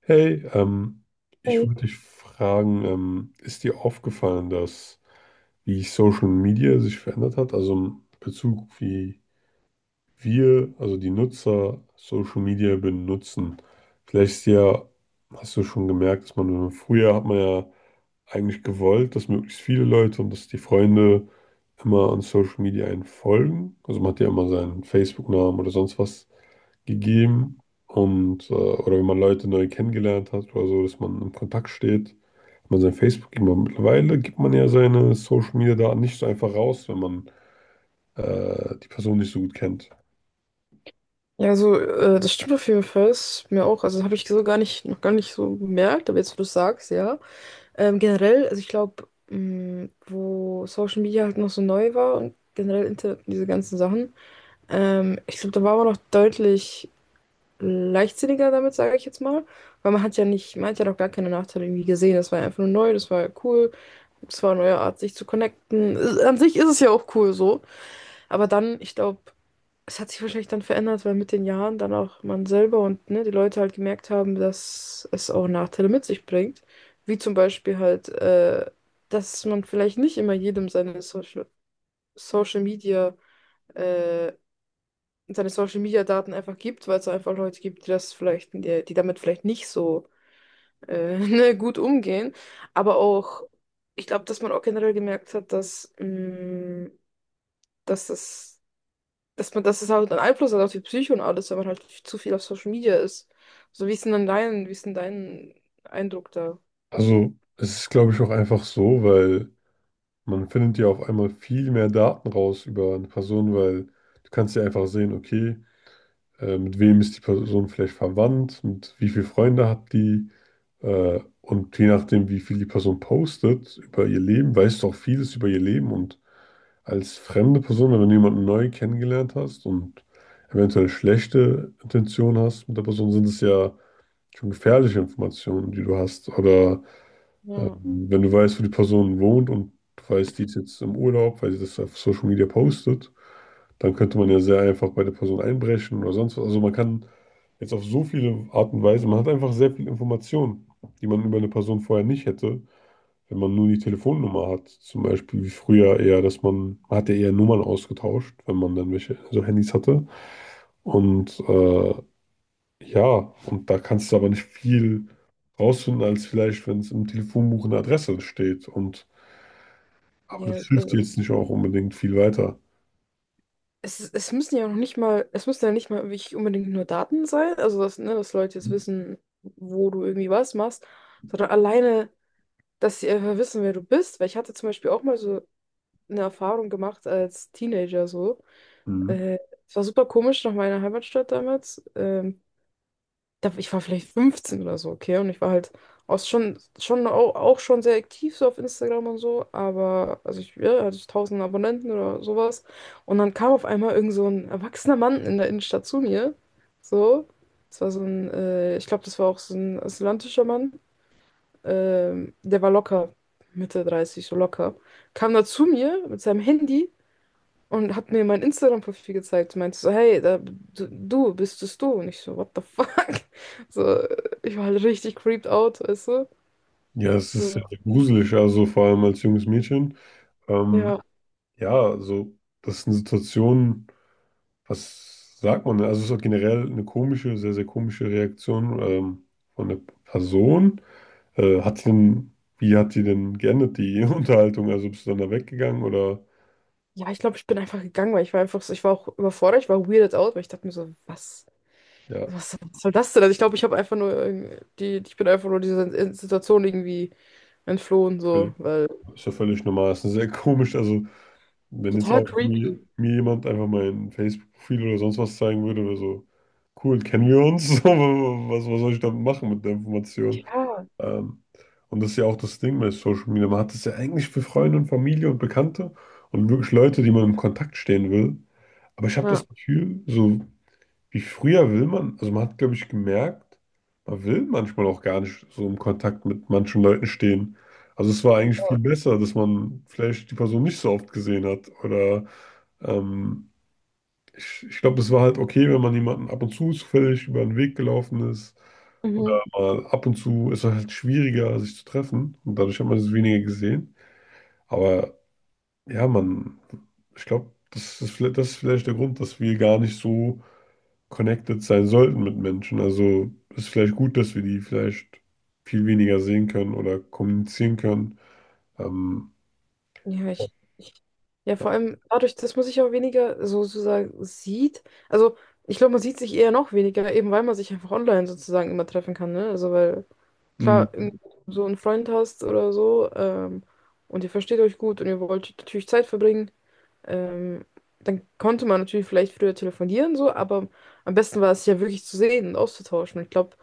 Hey, ich Ey. wollte dich fragen, ist dir aufgefallen, dass wie Social Media sich verändert hat, also im Bezug wie wir, also die Nutzer, Social Media benutzen? Vielleicht ist ja, hast du schon gemerkt, dass man früher hat man ja eigentlich gewollt, dass möglichst viele Leute und dass die Freunde immer an Social Media einen folgen. Also man hat ja immer seinen Facebook-Namen oder sonst was gegeben und oder wenn man Leute neu kennengelernt hat oder so, dass man im Kontakt steht, wenn man sein Facebook immer mittlerweile gibt man ja seine Social Media Daten nicht so einfach raus, wenn man die Person nicht so gut kennt. Ja, also, das stimmt auf jeden Fall. Ist mir auch. Also, habe ich so gar nicht, noch gar nicht so bemerkt, aber jetzt, wo du es sagst, ja. Generell, also ich glaube, wo Social Media halt noch so neu war und generell Internet und diese ganzen Sachen, ich glaube, da war man noch deutlich leichtsinniger damit, sage ich jetzt mal. Weil man hat ja nicht, man hat ja noch gar keine Nachteile irgendwie gesehen. Das war ja einfach nur neu, das war ja cool, das war eine neue Art, sich zu connecten. An sich ist es ja auch cool so. Aber dann, ich glaube, es hat sich wahrscheinlich dann verändert, weil mit den Jahren dann auch man selber und, ne, die Leute halt gemerkt haben, dass es auch Nachteile mit sich bringt. Wie zum Beispiel halt, dass man vielleicht nicht immer jedem seine Social, Social Media, äh, seine Social Media Daten einfach gibt, weil es einfach Leute gibt, die das vielleicht, die damit vielleicht nicht so ne, gut umgehen. Aber auch, ich glaube, dass man auch generell gemerkt hat, dass, dass dass man, dass es halt einen Einfluss hat auf die Psyche und alles, wenn man halt zu viel auf Social Media ist. So, wie ist denn dann dein, wie ist denn dein Eindruck da? Also es ist glaube ich auch einfach so, weil man findet ja auf einmal viel mehr Daten raus über eine Person, weil du kannst ja einfach sehen, okay, mit wem ist die Person vielleicht verwandt, mit wie viele Freunde hat die. Und je nachdem, wie viel die Person postet über ihr Leben, weißt du auch vieles über ihr Leben. Und als fremde Person, wenn du jemanden neu kennengelernt hast und eventuell schlechte Intentionen hast mit der Person, sind es ja schon gefährliche Informationen, die du hast. Oder Ja, wenn du weißt, wo die Person wohnt und du weißt, die ist jetzt im Urlaub, weil sie das auf Social Media postet, dann könnte man ja sehr einfach bei der Person einbrechen oder sonst was. Also man kann jetzt auf so viele Art und Weise, man hat einfach sehr viel Information, die man über eine Person vorher nicht hätte, wenn man nur die Telefonnummer hat. Zum Beispiel wie früher eher, dass man hat ja eher Nummern ausgetauscht, wenn man dann welche, so Handys hatte. Und ja, und da kannst du aber nicht viel rausfinden, als vielleicht, wenn es im Telefonbuch eine Adresse steht. Und, aber das ja, hilft dir also, jetzt nicht auch unbedingt viel weiter. es, es müssen ja noch nicht mal, es müssen ja nicht mal wirklich unbedingt nur Daten sein, also dass, ne, dass Leute jetzt wissen, wo du irgendwie was machst, sondern alleine, dass sie einfach wissen, wer du bist. Weil ich hatte zum Beispiel auch mal so eine Erfahrung gemacht als Teenager so. Mhm. Äh, Es war super komisch nach meiner Heimatstadt damals. Da, ich war vielleicht 15 oder so, okay? Und ich war halt auch schon, auch schon sehr aktiv so auf Instagram und so, aber also ich ja, hatte ich 1000 Abonnenten oder sowas. Und dann kam auf einmal irgend so ein erwachsener Mann in der Innenstadt zu mir. So, das war so ein, ich glaube, das war auch so ein asylantischer Mann. Der war locker Mitte 30, so locker. Kam da zu mir mit seinem Handy und hat mir mein Instagram-Profil gezeigt und meinte so, hey, da, du bist es, du. Und ich so, what the fuck? So, ich war halt richtig creeped out, weißt du? Ja, es ist sehr, So, sehr gruselig, also vor allem als junges Mädchen. Ähm, ja. ja, also das ist eine Situation, was sagt man denn? Also es ist auch generell eine komische, sehr, sehr komische Reaktion, von der Person. Hat die denn, wie hat die denn geendet, die Unterhaltung? Also bist du dann da weggegangen oder Ja, ich glaube, ich bin einfach gegangen, weil ich war einfach so, ich war auch überfordert, ich war weirded out, weil ich dachte mir so, was, ja. Was soll das denn? Also ich glaube, ich habe einfach nur ich bin einfach nur dieser Situation irgendwie entflohen, so, weil Ist ja völlig normal. Ist ja sehr komisch. Also, wenn jetzt total auch mir, creepy. mir jemand einfach mein Facebook-Profil oder sonst was zeigen würde, wäre so, cool, kennen wir uns? So, was, was soll ich damit machen mit der Information? Ja. Ähm, und das ist ja auch das Ding bei Social Media. Man hat es ja eigentlich für Freunde und Familie und Bekannte und wirklich Leute, die man im Kontakt stehen will. Aber ich habe Ja. das Gefühl, so wie früher will man, also man hat, glaube ich, gemerkt, man will manchmal auch gar nicht so im Kontakt mit manchen Leuten stehen. Also es war eigentlich viel besser, dass man vielleicht die Person nicht so oft gesehen hat. Oder ähm, ich glaube, es war halt okay, wenn man jemanden ab und zu zufällig über den Weg gelaufen ist. Oder Mhm. mal ab und zu ist es halt schwieriger, sich zu treffen. Und dadurch hat man es weniger gesehen. Aber ja, man, ich glaube, das ist vielleicht, das ist vielleicht der Grund, dass wir gar nicht so connected sein sollten mit Menschen. Also ist vielleicht gut, dass wir die vielleicht viel weniger sehen können oder kommunizieren können. Ähm, Ja, ja. Ich, ja, vor allem dadurch, dass man sich auch weniger so sozusagen sieht. Also, ich glaube, man sieht sich eher noch weniger, eben weil man sich einfach online sozusagen immer treffen kann, ne? Also, weil, Hm. klar, wenn du so einen Freund hast oder so, und ihr versteht euch gut und ihr wollt natürlich Zeit verbringen, ähm, dann konnte man natürlich vielleicht früher telefonieren, so, aber am besten war es ja wirklich zu sehen und auszutauschen. Und ich glaube,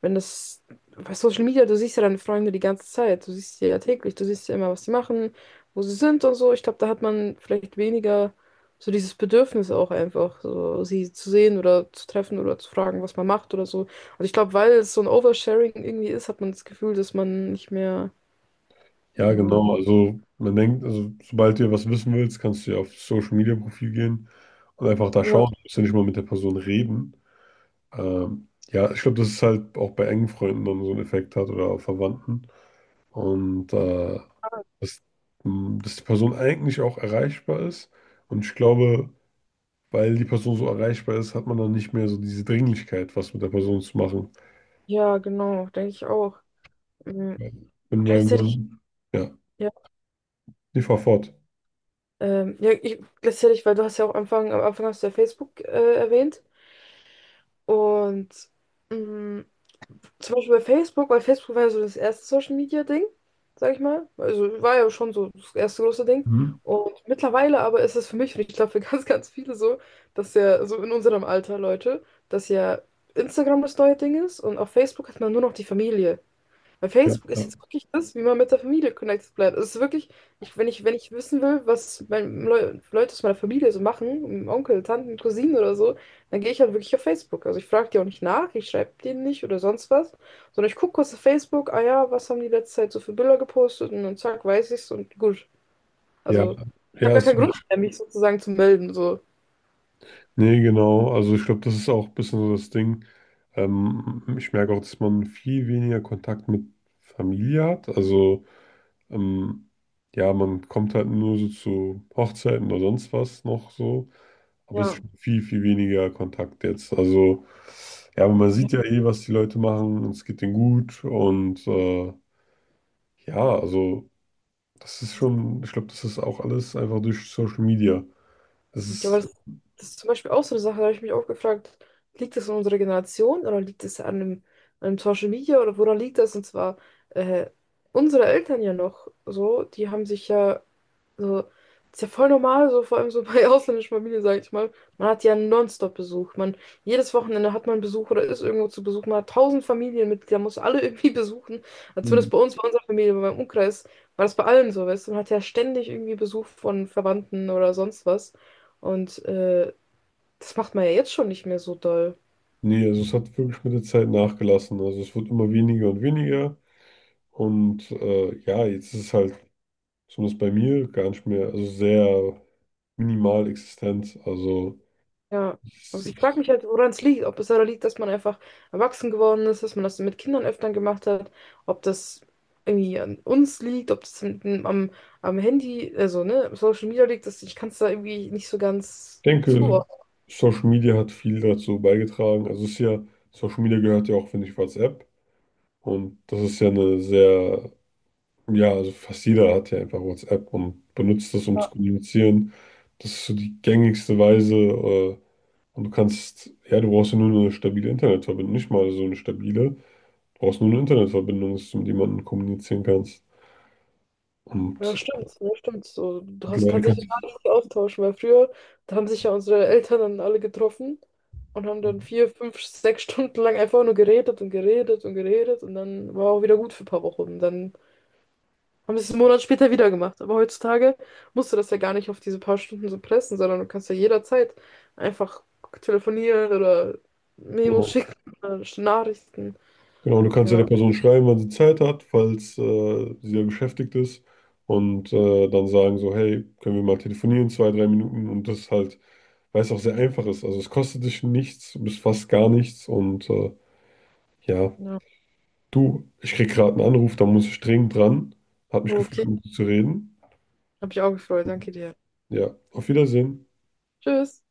wenn das bei Social Media, du siehst ja deine Freunde die ganze Zeit, du siehst sie ja täglich, du siehst ja immer, was sie machen, wo sie sind und so. Ich glaube, da hat man vielleicht weniger so dieses Bedürfnis auch einfach, so sie zu sehen oder zu treffen oder zu fragen, was man macht oder so. Und ich glaube, weil es so ein Oversharing irgendwie ist, hat man das Gefühl, dass man nicht mehr. Ja, Ähm, genau. Also man denkt, also sobald du was wissen willst, kannst du ja auf das Social Media Profil gehen und einfach da ja, schauen. Du musst ja nicht mal mit der Person reden. Ja, ich glaube, das ist halt auch bei engen Freunden dann so einen Effekt hat oder auch Verwandten. Und dass, dass die Person eigentlich auch erreichbar ist. Und ich glaube, weil die Person so erreichbar ist, hat man dann nicht mehr so diese Dringlichkeit, was mit der Person zu machen. ja, genau, denke ich auch. Ähm, Und weil Gleichzeitig. man, ja, die fahr fort. Ja, ich, gleichzeitig, weil du hast ja auch am Anfang hast du ja Facebook erwähnt. Und, mh, zum Beispiel bei Facebook, weil Facebook war ja so das erste Social Media Ding, sag ich mal. Also war ja schon so das erste große Ding. Mhm. Und mittlerweile aber ist es für mich, und ich glaube für ganz, ganz viele so, dass ja so in unserem Alter Leute, dass ja Instagram das neue Ding ist und auf Facebook hat man nur noch die Familie. Weil Ja, Facebook ist ja, jetzt wirklich das, wie man mit der Familie connected bleibt. Es ist wirklich, ich, wenn ich, wenn ich wissen will, was mein, Leute aus meiner Familie so machen, um Onkel, Tanten, Cousinen oder so, dann gehe ich halt wirklich auf Facebook. Also ich frage die auch nicht nach, ich schreibe denen nicht oder sonst was, sondern ich gucke kurz auf Facebook, ah ja, was haben die letzte Zeit so für Bilder gepostet und dann zack, weiß ich's und gut. ja, Also ich habe ja, gar ist, keinen Grund mehr, mich sozusagen zu melden. So. nee, genau. Also ich glaube, das ist auch ein bisschen so das Ding. Ich merke auch, dass man viel weniger Kontakt mit Familie hat. Also ähm, ja, man kommt halt nur so zu Hochzeiten oder sonst was noch so. Aber es ist Ja. schon viel, viel weniger Kontakt jetzt. Also, ja, aber man sieht ja eh, was die Leute machen und es geht denen gut. Und ja, also, das ist schon, ich glaube, das ist auch alles einfach durch Social Media. Das Ja, aber ist, das, das ist zum Beispiel auch so eine Sache, da habe ich mich auch gefragt, liegt das an unserer Generation oder liegt es an einem Social Media oder woran liegt das? Und zwar äh, unsere Eltern ja noch so, die haben sich ja so, das ist ja voll normal, so vor allem so bei ausländischen Familien, sage ich mal. Man hat ja nonstop Besuch. Man, jedes Wochenende hat man Besuch oder ist irgendwo zu Besuch. Man hat tausend Familienmitglieder, muss alle irgendwie besuchen. Also zumindest bei uns, bei unserer Familie, bei meinem Umkreis, war das bei allen so, weißt du. Man hat ja ständig irgendwie Besuch von Verwandten oder sonst was. Und das macht man ja jetzt schon nicht mehr so doll. nee, also es hat wirklich mit der Zeit nachgelassen. Also, es wird immer weniger und weniger. Und ja, jetzt ist es halt, zumindest bei mir, gar nicht mehr, also sehr minimal existent. Also, Ja, es, also ich frage mich halt, woran es liegt. Ob es daran liegt, dass man einfach erwachsen geworden ist, dass man das mit Kindern öfter gemacht hat, ob das irgendwie an uns liegt, ob das am, am Handy, also, ne, Social Media liegt, dass ich kann es da irgendwie nicht so ich ganz denke, zuordnen. Social Media hat viel dazu beigetragen. Also es ist ja, Social Media gehört ja auch, finde ich, WhatsApp. Und das ist ja eine sehr, ja, also fast jeder hat ja einfach WhatsApp und benutzt das, um zu kommunizieren. Das ist so die gängigste Weise. Äh, und du kannst, ja, du brauchst ja nur eine stabile Internetverbindung, nicht mal so eine stabile. Du brauchst nur eine Internetverbindung, dass du mit jemandem kommunizieren kannst. Ja, Und stimmt, ja, stimmt. So, du hast, mittlerweile kannst dich kannst gar nicht so austauschen, weil früher, da haben sich ja unsere Eltern dann alle getroffen und haben dann 4, 5, 6 Stunden lang einfach nur geredet und geredet und geredet und dann war auch wieder gut für ein paar Wochen. Dann haben das 1 Monat später wieder gemacht. Aber heutzutage musst du das ja gar nicht auf diese paar Stunden so pressen, sondern du kannst ja jederzeit einfach telefonieren oder Memos du, schicken oder Nachrichten. genau, du kannst ja Ja, der Person schreiben, wann sie Zeit hat, falls sie ja beschäftigt ist. Und dann sagen so, hey, können wir mal telefonieren, 2, 3 Minuten. Und das halt, weil es auch sehr einfach ist. Also es kostet dich nichts, du bist fast gar nichts. Und ja, ja. du, ich krieg gerade einen Anruf, da muss ich dringend dran. Hat mich gefreut, Okay. mit dir zu reden. Hab ich auch gefreut. Danke dir. Ja, auf Wiedersehen. Tschüss.